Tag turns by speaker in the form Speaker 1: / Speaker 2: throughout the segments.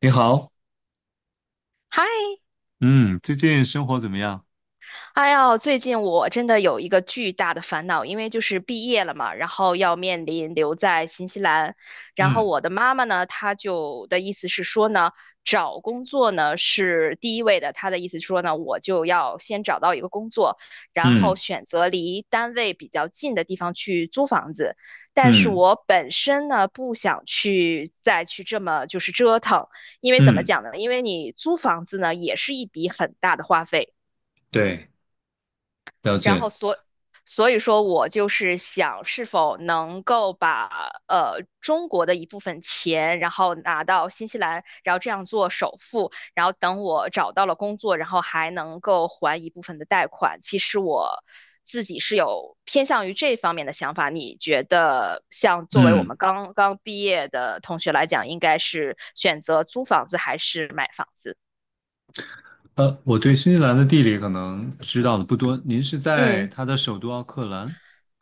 Speaker 1: 你好，
Speaker 2: 嗨，
Speaker 1: 嗯，最近生活怎么样？
Speaker 2: 哎呦，最近我真的有一个巨大的烦恼，因为就是毕业了嘛，然后要面临留在新西兰，然后
Speaker 1: 嗯
Speaker 2: 我的妈妈呢，她就的意思是说呢，找工作呢是第一位的，她的意思是说呢，我就要先找到一个工作，然后
Speaker 1: 嗯
Speaker 2: 选择离单位比较近的地方去租房子，但是
Speaker 1: 嗯
Speaker 2: 我本身呢不想去再去这么就是折腾，因为怎么
Speaker 1: 嗯，
Speaker 2: 讲呢？因为你租房子呢也是一笔很大的花费。
Speaker 1: 对，了
Speaker 2: 然后
Speaker 1: 解，
Speaker 2: 所以说我就是想是否能够把中国的一部分钱，然后拿到新西兰，然后这样做首付，然后等我找到了工作，然后还能够还一部分的贷款。其实我自己是有偏向于这方面的想法。你觉得像作为我
Speaker 1: 嗯，
Speaker 2: 们刚刚毕业的同学来讲，应该是选择租房子还是买房子？
Speaker 1: 我对新西兰的地理可能知道的不多，您是在
Speaker 2: 嗯。
Speaker 1: 它的首都奥克兰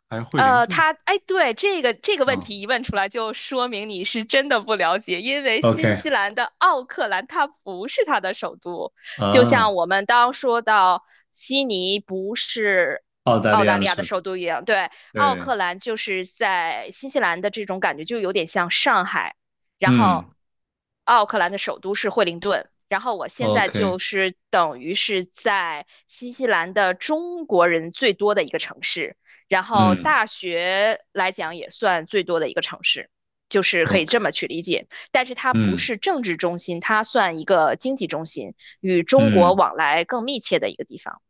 Speaker 1: 还是惠灵顿？
Speaker 2: 哎，对，这个问
Speaker 1: 啊
Speaker 2: 题一问出来，就说明你是真的不了解，因为新
Speaker 1: ，OK，
Speaker 2: 西兰的奥克兰它不是它的首都，就
Speaker 1: 啊，
Speaker 2: 像我们当说到悉尼不是
Speaker 1: 澳大利
Speaker 2: 澳
Speaker 1: 亚
Speaker 2: 大
Speaker 1: 的
Speaker 2: 利亚的
Speaker 1: 首都，
Speaker 2: 首都一样，对，奥
Speaker 1: 对，
Speaker 2: 克兰就是在新西兰的这种感觉就有点像上海，然后
Speaker 1: 嗯
Speaker 2: 奥克兰的首都是惠灵顿。然后我现在
Speaker 1: ，OK，
Speaker 2: 就是等于是在新西兰的中国人最多的一个城市，然后
Speaker 1: 嗯
Speaker 2: 大学来讲也算最多的一个城市，就是可以
Speaker 1: ，OK，
Speaker 2: 这么去理解。但是它不
Speaker 1: 嗯
Speaker 2: 是政治中心，它算一个经济中心，与中国
Speaker 1: 嗯
Speaker 2: 往来更密切的一个地方。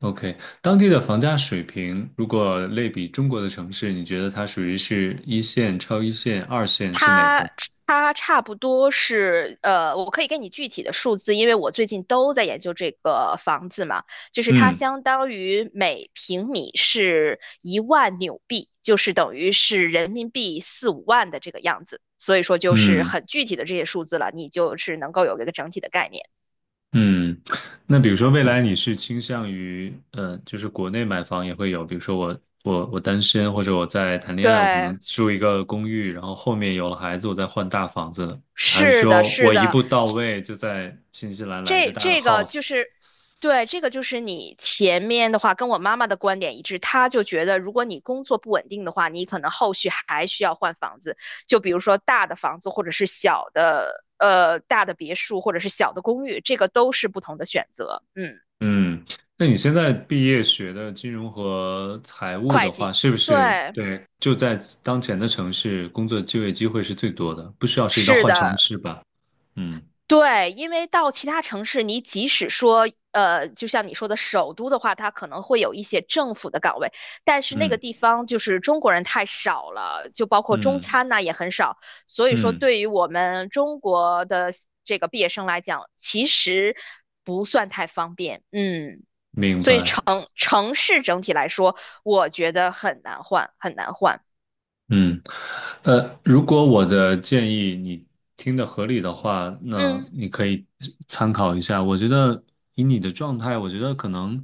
Speaker 1: ，OK，当地的房价水平，如果类比中国的城市，你觉得它属于是一线、超一线、二线是哪
Speaker 2: 它
Speaker 1: 个？
Speaker 2: 它差不多是我可以给你具体的数字，因为我最近都在研究这个房子嘛。就是它
Speaker 1: 嗯。
Speaker 2: 相当于每平米是1万纽币，就是等于是人民币四五万的这个样子。所以说就是
Speaker 1: 嗯
Speaker 2: 很具体的这些数字了，你就是能够有一个整体的概念。
Speaker 1: 嗯，那比如说未来你是倾向于，就是国内买房也会有，比如说我单身或者我在谈恋爱，我可能
Speaker 2: 对，
Speaker 1: 住一个公寓，然后后面有了孩子，我再换大房子，还是
Speaker 2: 是的，
Speaker 1: 说
Speaker 2: 是
Speaker 1: 我一
Speaker 2: 的，
Speaker 1: 步到位就在新西兰来一个
Speaker 2: 这
Speaker 1: 大的
Speaker 2: 这个就
Speaker 1: house？
Speaker 2: 是，对，这个就是你前面的话跟我妈妈的观点一致，她就觉得如果你工作不稳定的话，你可能后续还需要换房子，就比如说大的房子或者是小的，大的别墅或者是小的公寓，这个都是不同的选择。嗯，
Speaker 1: 嗯，那你现在毕业学的金融和财务
Speaker 2: 会
Speaker 1: 的话，
Speaker 2: 计，
Speaker 1: 是不是
Speaker 2: 对，
Speaker 1: 对就在当前的城市工作就业机会是最多的，不需要涉及到
Speaker 2: 是
Speaker 1: 换城
Speaker 2: 的，
Speaker 1: 市吧？嗯
Speaker 2: 对，因为到其他城市，你即使说，就像你说的首都的话，它可能会有一些政府的岗位，但是那个
Speaker 1: 嗯
Speaker 2: 地方就是中国人太少了，就包括中
Speaker 1: 嗯
Speaker 2: 餐呐、也很少，所以说
Speaker 1: 嗯。
Speaker 2: 对于我们中国的这个毕业生来讲，其实不算太方便，嗯，
Speaker 1: 明
Speaker 2: 所以城
Speaker 1: 白，
Speaker 2: 城市整体来说，我觉得很难换，很难换，
Speaker 1: 嗯，如果我的建议你听的合理的话，那
Speaker 2: 嗯，
Speaker 1: 你可以参考一下。我觉得以你的状态，我觉得可能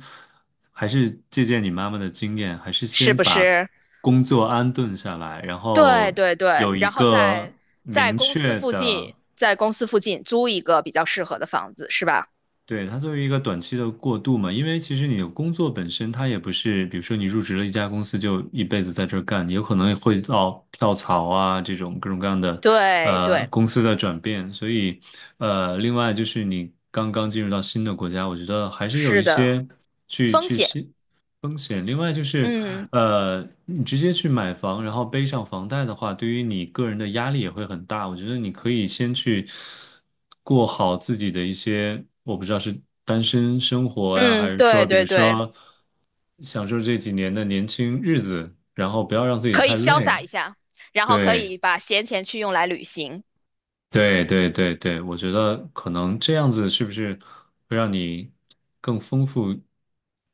Speaker 1: 还是借鉴你妈妈的经验，还是
Speaker 2: 是
Speaker 1: 先
Speaker 2: 不
Speaker 1: 把
Speaker 2: 是？
Speaker 1: 工作安顿下来，然后
Speaker 2: 对对对，
Speaker 1: 有一
Speaker 2: 然后
Speaker 1: 个
Speaker 2: 在
Speaker 1: 明
Speaker 2: 公司
Speaker 1: 确
Speaker 2: 附
Speaker 1: 的。
Speaker 2: 近，在公司附近租一个比较适合的房子，是吧？
Speaker 1: 对，它作为一个短期的过渡嘛，因为其实你的工作本身它也不是，比如说你入职了一家公司就一辈子在这儿干，有可能会到跳槽啊这种各种各样的，
Speaker 2: 对对，
Speaker 1: 公司的转变。所以，另外就是你刚刚进入到新的国家，我觉得还是有一
Speaker 2: 是的，
Speaker 1: 些去
Speaker 2: 风
Speaker 1: 去
Speaker 2: 险，
Speaker 1: 新风险。另外就是，
Speaker 2: 嗯
Speaker 1: 你直接去买房，然后背上房贷的话，对于你个人的压力也会很大。我觉得你可以先去过好自己的一些，我不知道是单身生活呀，还
Speaker 2: 嗯，
Speaker 1: 是说，
Speaker 2: 对
Speaker 1: 比如
Speaker 2: 对对，
Speaker 1: 说享受这几年的年轻日子，然后不要让自己
Speaker 2: 可以
Speaker 1: 太
Speaker 2: 潇
Speaker 1: 累。
Speaker 2: 洒一下，然后可
Speaker 1: 对，
Speaker 2: 以把闲钱去用来旅行。
Speaker 1: 对，对，对，对，我觉得可能这样子是不是会让你更丰富、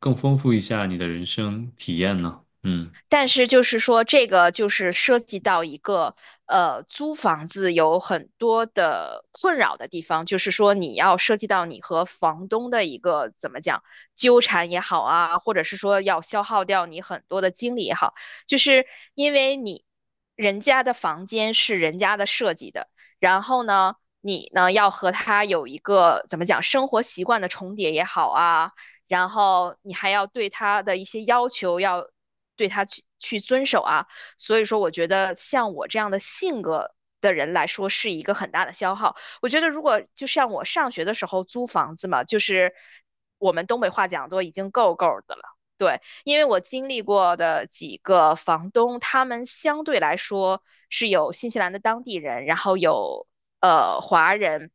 Speaker 1: 更丰富一下你的人生体验呢？嗯。
Speaker 2: 但是就是说，这个就是涉及到一个租房子有很多的困扰的地方，就是说你要涉及到你和房东的一个怎么讲纠缠也好啊，或者是说要消耗掉你很多的精力也好，就是因为你人家的房间是人家的设计的，然后呢，你呢要和他有一个怎么讲生活习惯的重叠也好啊。然后你还要对他的一些要求要对他去遵守啊。所以说，我觉得像我这样的性格的人来说，是一个很大的消耗。我觉得如果就像我上学的时候租房子嘛，就是我们东北话讲都已经够够的了。对，因为我经历过的几个房东，他们相对来说是有新西兰的当地人，然后有华人，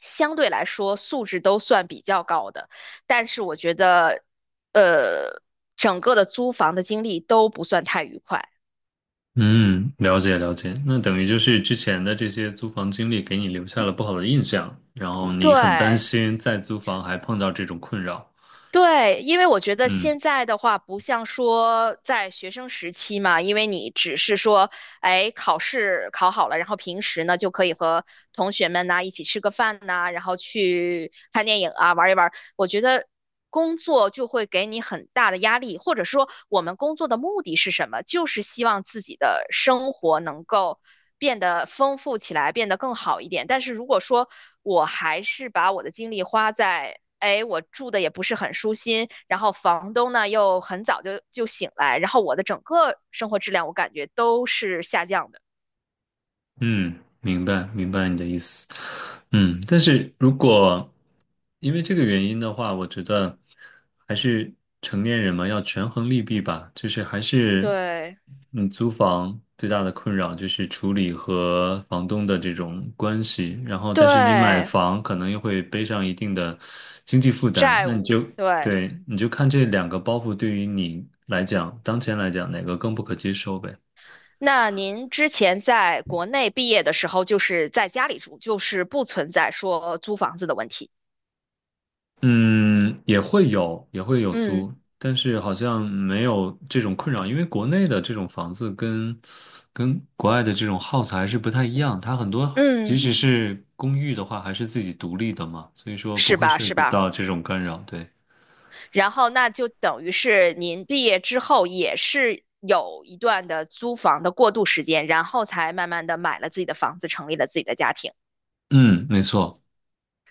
Speaker 2: 相对来说素质都算比较高的。但是我觉得呃，整个的租房的经历都不算太愉快。
Speaker 1: 嗯，了解了解。那等于就是之前的这些租房经历给你留下了不好的印象，然后你很担
Speaker 2: 对
Speaker 1: 心再租房还碰到这种困扰。
Speaker 2: 对，因为我觉得
Speaker 1: 嗯
Speaker 2: 现在的话，不像说在学生时期嘛，因为你只是说，哎，考试考好了，然后平时呢就可以和同学们呐、一起吃个饭呐、然后去看电影啊，玩一玩。我觉得工作就会给你很大的压力，或者说我们工作的目的是什么？就是希望自己的生活能够变得丰富起来，变得更好一点。但是如果说我还是把我的精力花在，哎，我住的也不是很舒心，然后房东呢又很早就醒来，然后我的整个生活质量我感觉都是下降的。
Speaker 1: 嗯，明白明白你的意思。嗯，但是如果因为这个原因的话，我觉得还是成年人嘛，要权衡利弊吧。就是还是，
Speaker 2: 对
Speaker 1: 嗯，租房最大的困扰就是处理和房东的这种关系。然后，但是你买
Speaker 2: 对，
Speaker 1: 房可能又会背上一定的经济负担，
Speaker 2: 债
Speaker 1: 那你
Speaker 2: 务，
Speaker 1: 就
Speaker 2: 对。
Speaker 1: 对，你就看这两个包袱对于你来讲，当前来讲哪个更不可接受呗。
Speaker 2: 那您之前在国内毕业的时候，就是在家里住，就是不存在说租房子的问题。
Speaker 1: 嗯，也会有，也会有
Speaker 2: 嗯
Speaker 1: 租，但是好像没有这种困扰，因为国内的这种房子跟国外的这种 house 还是不太一样，它很多即
Speaker 2: 嗯，
Speaker 1: 使是公寓的话，还是自己独立的嘛，所以说不
Speaker 2: 是
Speaker 1: 会
Speaker 2: 吧
Speaker 1: 涉
Speaker 2: 是
Speaker 1: 及
Speaker 2: 吧？
Speaker 1: 到这种干扰，对。
Speaker 2: 然后那就等于是您毕业之后也是有一段的租房的过渡时间，然后才慢慢的买了自己的房子，成立了自己的家庭。
Speaker 1: 嗯，没错，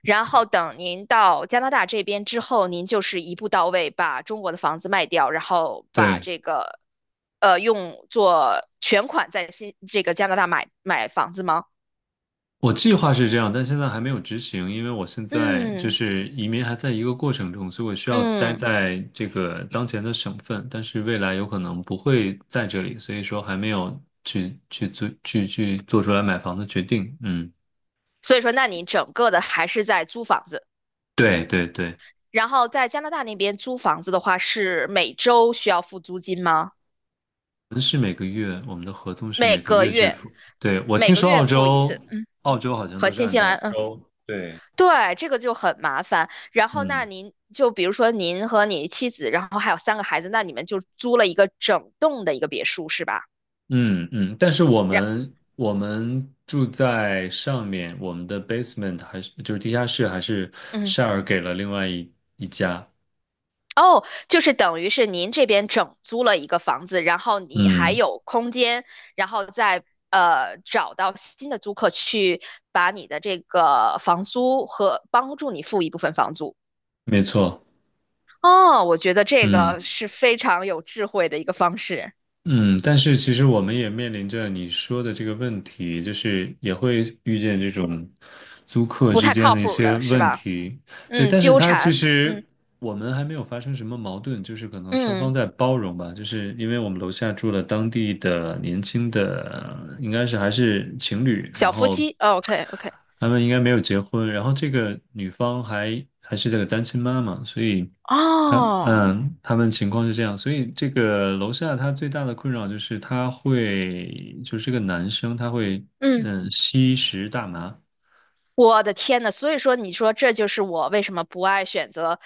Speaker 2: 然后等您到加拿大这边之后，您就是一步到位，把中国的房子卖掉，然后把
Speaker 1: 对。
Speaker 2: 这个，用作全款在这个加拿大买房子吗？
Speaker 1: 我计划是这样，但现在还没有执行，因为我现在就
Speaker 2: 嗯
Speaker 1: 是移民还在一个过程中，所以我需要待
Speaker 2: 嗯，
Speaker 1: 在这个当前的省份，但是未来有可能不会在这里，所以说还没有去去做去去做出来买房的决定。嗯，
Speaker 2: 所以说，那你整个的还是在租房子。
Speaker 1: 对对对，
Speaker 2: 然后在加拿大那边租房子的话，是每周需要付租金吗？
Speaker 1: 我们是每个月，我们的合同是
Speaker 2: 每
Speaker 1: 每个
Speaker 2: 个
Speaker 1: 月去
Speaker 2: 月，
Speaker 1: 付。对，我
Speaker 2: 每
Speaker 1: 听
Speaker 2: 个
Speaker 1: 说
Speaker 2: 月
Speaker 1: 澳
Speaker 2: 付一
Speaker 1: 洲，
Speaker 2: 次，嗯，
Speaker 1: 澳洲好像
Speaker 2: 和
Speaker 1: 都是
Speaker 2: 新
Speaker 1: 按
Speaker 2: 西
Speaker 1: 照
Speaker 2: 兰，嗯。
Speaker 1: 周，对，
Speaker 2: 对，这个就很麻烦。然后，那
Speaker 1: 嗯。
Speaker 2: 您就比如说您和你妻子，然后还有三个孩子，那你们就租了一个整栋的一个别墅是吧？
Speaker 1: 嗯嗯，但是我
Speaker 2: 然，
Speaker 1: 们我们住在上面，我们的 basement 还是就是地下室还是
Speaker 2: 嗯，
Speaker 1: share 给了另外一家。
Speaker 2: 哦，就是等于是您这边整租了一个房子，然后你还
Speaker 1: 嗯，
Speaker 2: 有空间，然后再找到新的租客去把你的这个房租和帮助你付一部分房租。
Speaker 1: 没错。
Speaker 2: 哦，我觉得这个
Speaker 1: 嗯。
Speaker 2: 是非常有智慧的一个方式，
Speaker 1: 嗯，但是其实我们也面临着你说的这个问题，就是也会遇见这种租客
Speaker 2: 不
Speaker 1: 之
Speaker 2: 太
Speaker 1: 间
Speaker 2: 靠
Speaker 1: 的一
Speaker 2: 谱
Speaker 1: 些
Speaker 2: 的是
Speaker 1: 问
Speaker 2: 吧？
Speaker 1: 题。对，
Speaker 2: 嗯，
Speaker 1: 但是
Speaker 2: 纠
Speaker 1: 它其
Speaker 2: 缠，
Speaker 1: 实
Speaker 2: 嗯。
Speaker 1: 我们还没有发生什么矛盾，就是可能双方
Speaker 2: 嗯，
Speaker 1: 在包容吧。就是因为我们楼下住了当地的年轻的，应该是还是情侣，然
Speaker 2: 小夫
Speaker 1: 后
Speaker 2: 妻，OK OK，
Speaker 1: 他们应该没有结婚，然后这个女方还是这个单亲妈妈，所以。他
Speaker 2: 哦，
Speaker 1: 嗯，他们情况是这样，所以这个楼下他最大的困扰就是他会，就是这个男生，他会
Speaker 2: 嗯，
Speaker 1: 嗯吸食大麻，
Speaker 2: 我的天呐，所以说你说这就是我为什么不爱选择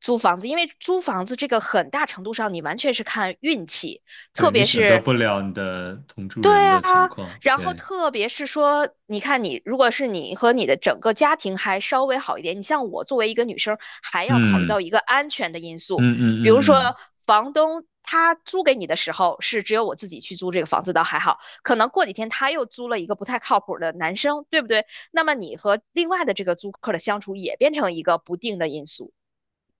Speaker 2: 租房子，因为租房子这个很大程度上你完全是看运气，
Speaker 1: 对
Speaker 2: 特
Speaker 1: 你
Speaker 2: 别
Speaker 1: 选择
Speaker 2: 是
Speaker 1: 不了你的同住人
Speaker 2: 对
Speaker 1: 的情
Speaker 2: 啊，
Speaker 1: 况，
Speaker 2: 然后
Speaker 1: 对，
Speaker 2: 特别是说，你看你如果是你和你的整个家庭还稍微好一点，你像我作为一个女生，还要考虑
Speaker 1: 嗯
Speaker 2: 到一个安全的因素，
Speaker 1: 嗯
Speaker 2: 比如
Speaker 1: 嗯嗯
Speaker 2: 说
Speaker 1: 嗯，
Speaker 2: 房东他租给你的时候是只有我自己去租这个房子倒还好，可能过几天他又租了一个不太靠谱的男生，对不对？那么你和另外的这个租客的相处也变成一个不定的因素，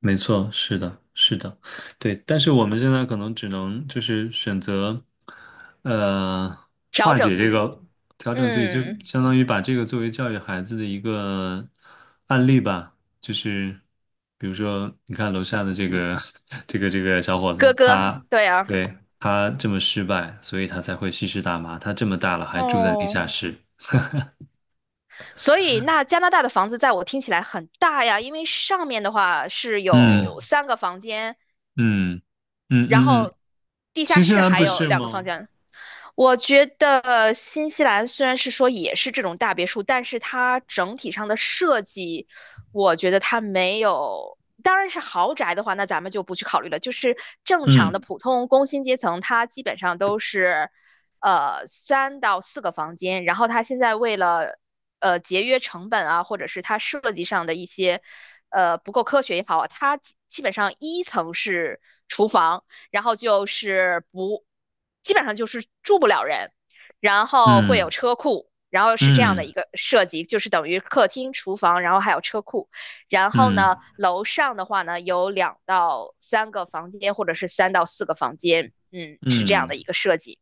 Speaker 1: 没错，是的，是的，对。但是我们现在可能只能就是选择，呃，
Speaker 2: 调
Speaker 1: 化
Speaker 2: 整
Speaker 1: 解
Speaker 2: 自
Speaker 1: 这
Speaker 2: 己。
Speaker 1: 个，调整自己，就嗯
Speaker 2: 嗯，
Speaker 1: 相当于把这个作为教育孩子的一个案例吧。就是比如说，你看楼下的这个 这个小伙
Speaker 2: 哥
Speaker 1: 子，
Speaker 2: 哥，
Speaker 1: 他
Speaker 2: 对啊，
Speaker 1: 对他这么失败，所以他才会吸食大麻。他这么大了还住在地
Speaker 2: 哦。
Speaker 1: 下室。
Speaker 2: 所以，那加拿大的房子在我听起来很大呀，因为上面的话是有
Speaker 1: 嗯
Speaker 2: 三个房间，
Speaker 1: 嗯嗯
Speaker 2: 然
Speaker 1: 嗯嗯嗯，
Speaker 2: 后地下
Speaker 1: 新西
Speaker 2: 室
Speaker 1: 兰
Speaker 2: 还
Speaker 1: 不
Speaker 2: 有
Speaker 1: 是
Speaker 2: 两个房
Speaker 1: 吗？
Speaker 2: 间，我觉得新西兰虽然是说也是这种大别墅，但是它整体上的设计，我觉得它没有。当然是豪宅的话，那咱们就不去考虑了。就是正常的
Speaker 1: 嗯
Speaker 2: 普通工薪阶层，它基本上都是，三到四个房间。然后它现在为了，节约成本啊，或者是它设计上的一些，不够科学也好啊，它基本上一层是厨房。然后就是不，基本上就是住不了人，然后会有
Speaker 1: 嗯。
Speaker 2: 车库，然后是这样的
Speaker 1: 嗯
Speaker 2: 一个设计，就是等于客厅、厨房，然后还有车库，然后
Speaker 1: 嗯
Speaker 2: 呢，楼上的话呢有两到三个房间，或者是三到四个房间，嗯，是这样
Speaker 1: 嗯，
Speaker 2: 的一个设计。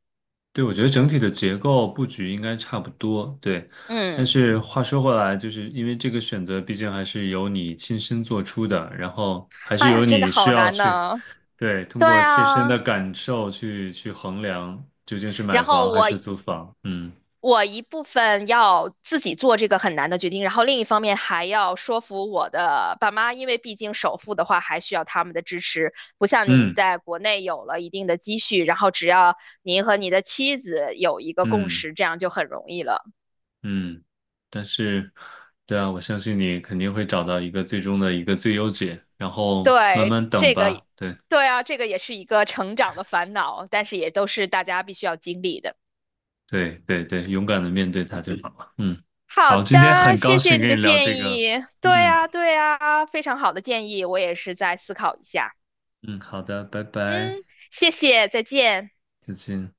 Speaker 1: 对，我觉得整体的结构布局应该差不多，对。但
Speaker 2: 嗯，
Speaker 1: 是话说回来，就是因为这个选择毕竟还是由你亲身做出的，然后还是
Speaker 2: 哎呀，
Speaker 1: 由
Speaker 2: 真的
Speaker 1: 你需
Speaker 2: 好
Speaker 1: 要
Speaker 2: 难
Speaker 1: 去，
Speaker 2: 呢。
Speaker 1: 对，通
Speaker 2: 对
Speaker 1: 过切身的
Speaker 2: 啊，
Speaker 1: 感受去衡量究竟是
Speaker 2: 然
Speaker 1: 买
Speaker 2: 后
Speaker 1: 房还
Speaker 2: 我
Speaker 1: 是租房。嗯
Speaker 2: 我一部分要自己做这个很难的决定，然后另一方面还要说服我的爸妈，因为毕竟首付的话还需要他们的支持，不像您
Speaker 1: 嗯
Speaker 2: 在国内有了一定的积蓄，然后只要您和你的妻子有一个共
Speaker 1: 嗯
Speaker 2: 识，这样就很容易了。
Speaker 1: 嗯，但是，对啊，我相信你肯定会找到一个最终的一个最优解，然后慢
Speaker 2: 对，
Speaker 1: 慢等
Speaker 2: 这个，
Speaker 1: 吧。对。
Speaker 2: 对啊，这个也是一个成长的烦恼，但是也都是大家必须要经历的。
Speaker 1: 对对对，勇敢的面对它就好了。嗯，
Speaker 2: 好
Speaker 1: 好，今天
Speaker 2: 的，
Speaker 1: 很高
Speaker 2: 谢谢
Speaker 1: 兴
Speaker 2: 你
Speaker 1: 跟你
Speaker 2: 的
Speaker 1: 聊这
Speaker 2: 建
Speaker 1: 个。
Speaker 2: 议。对
Speaker 1: 嗯
Speaker 2: 啊，对啊，非常好的建议，我也是在思考一下。
Speaker 1: 嗯，好的，拜
Speaker 2: 嗯，
Speaker 1: 拜，
Speaker 2: 谢谢，再见。
Speaker 1: 再见。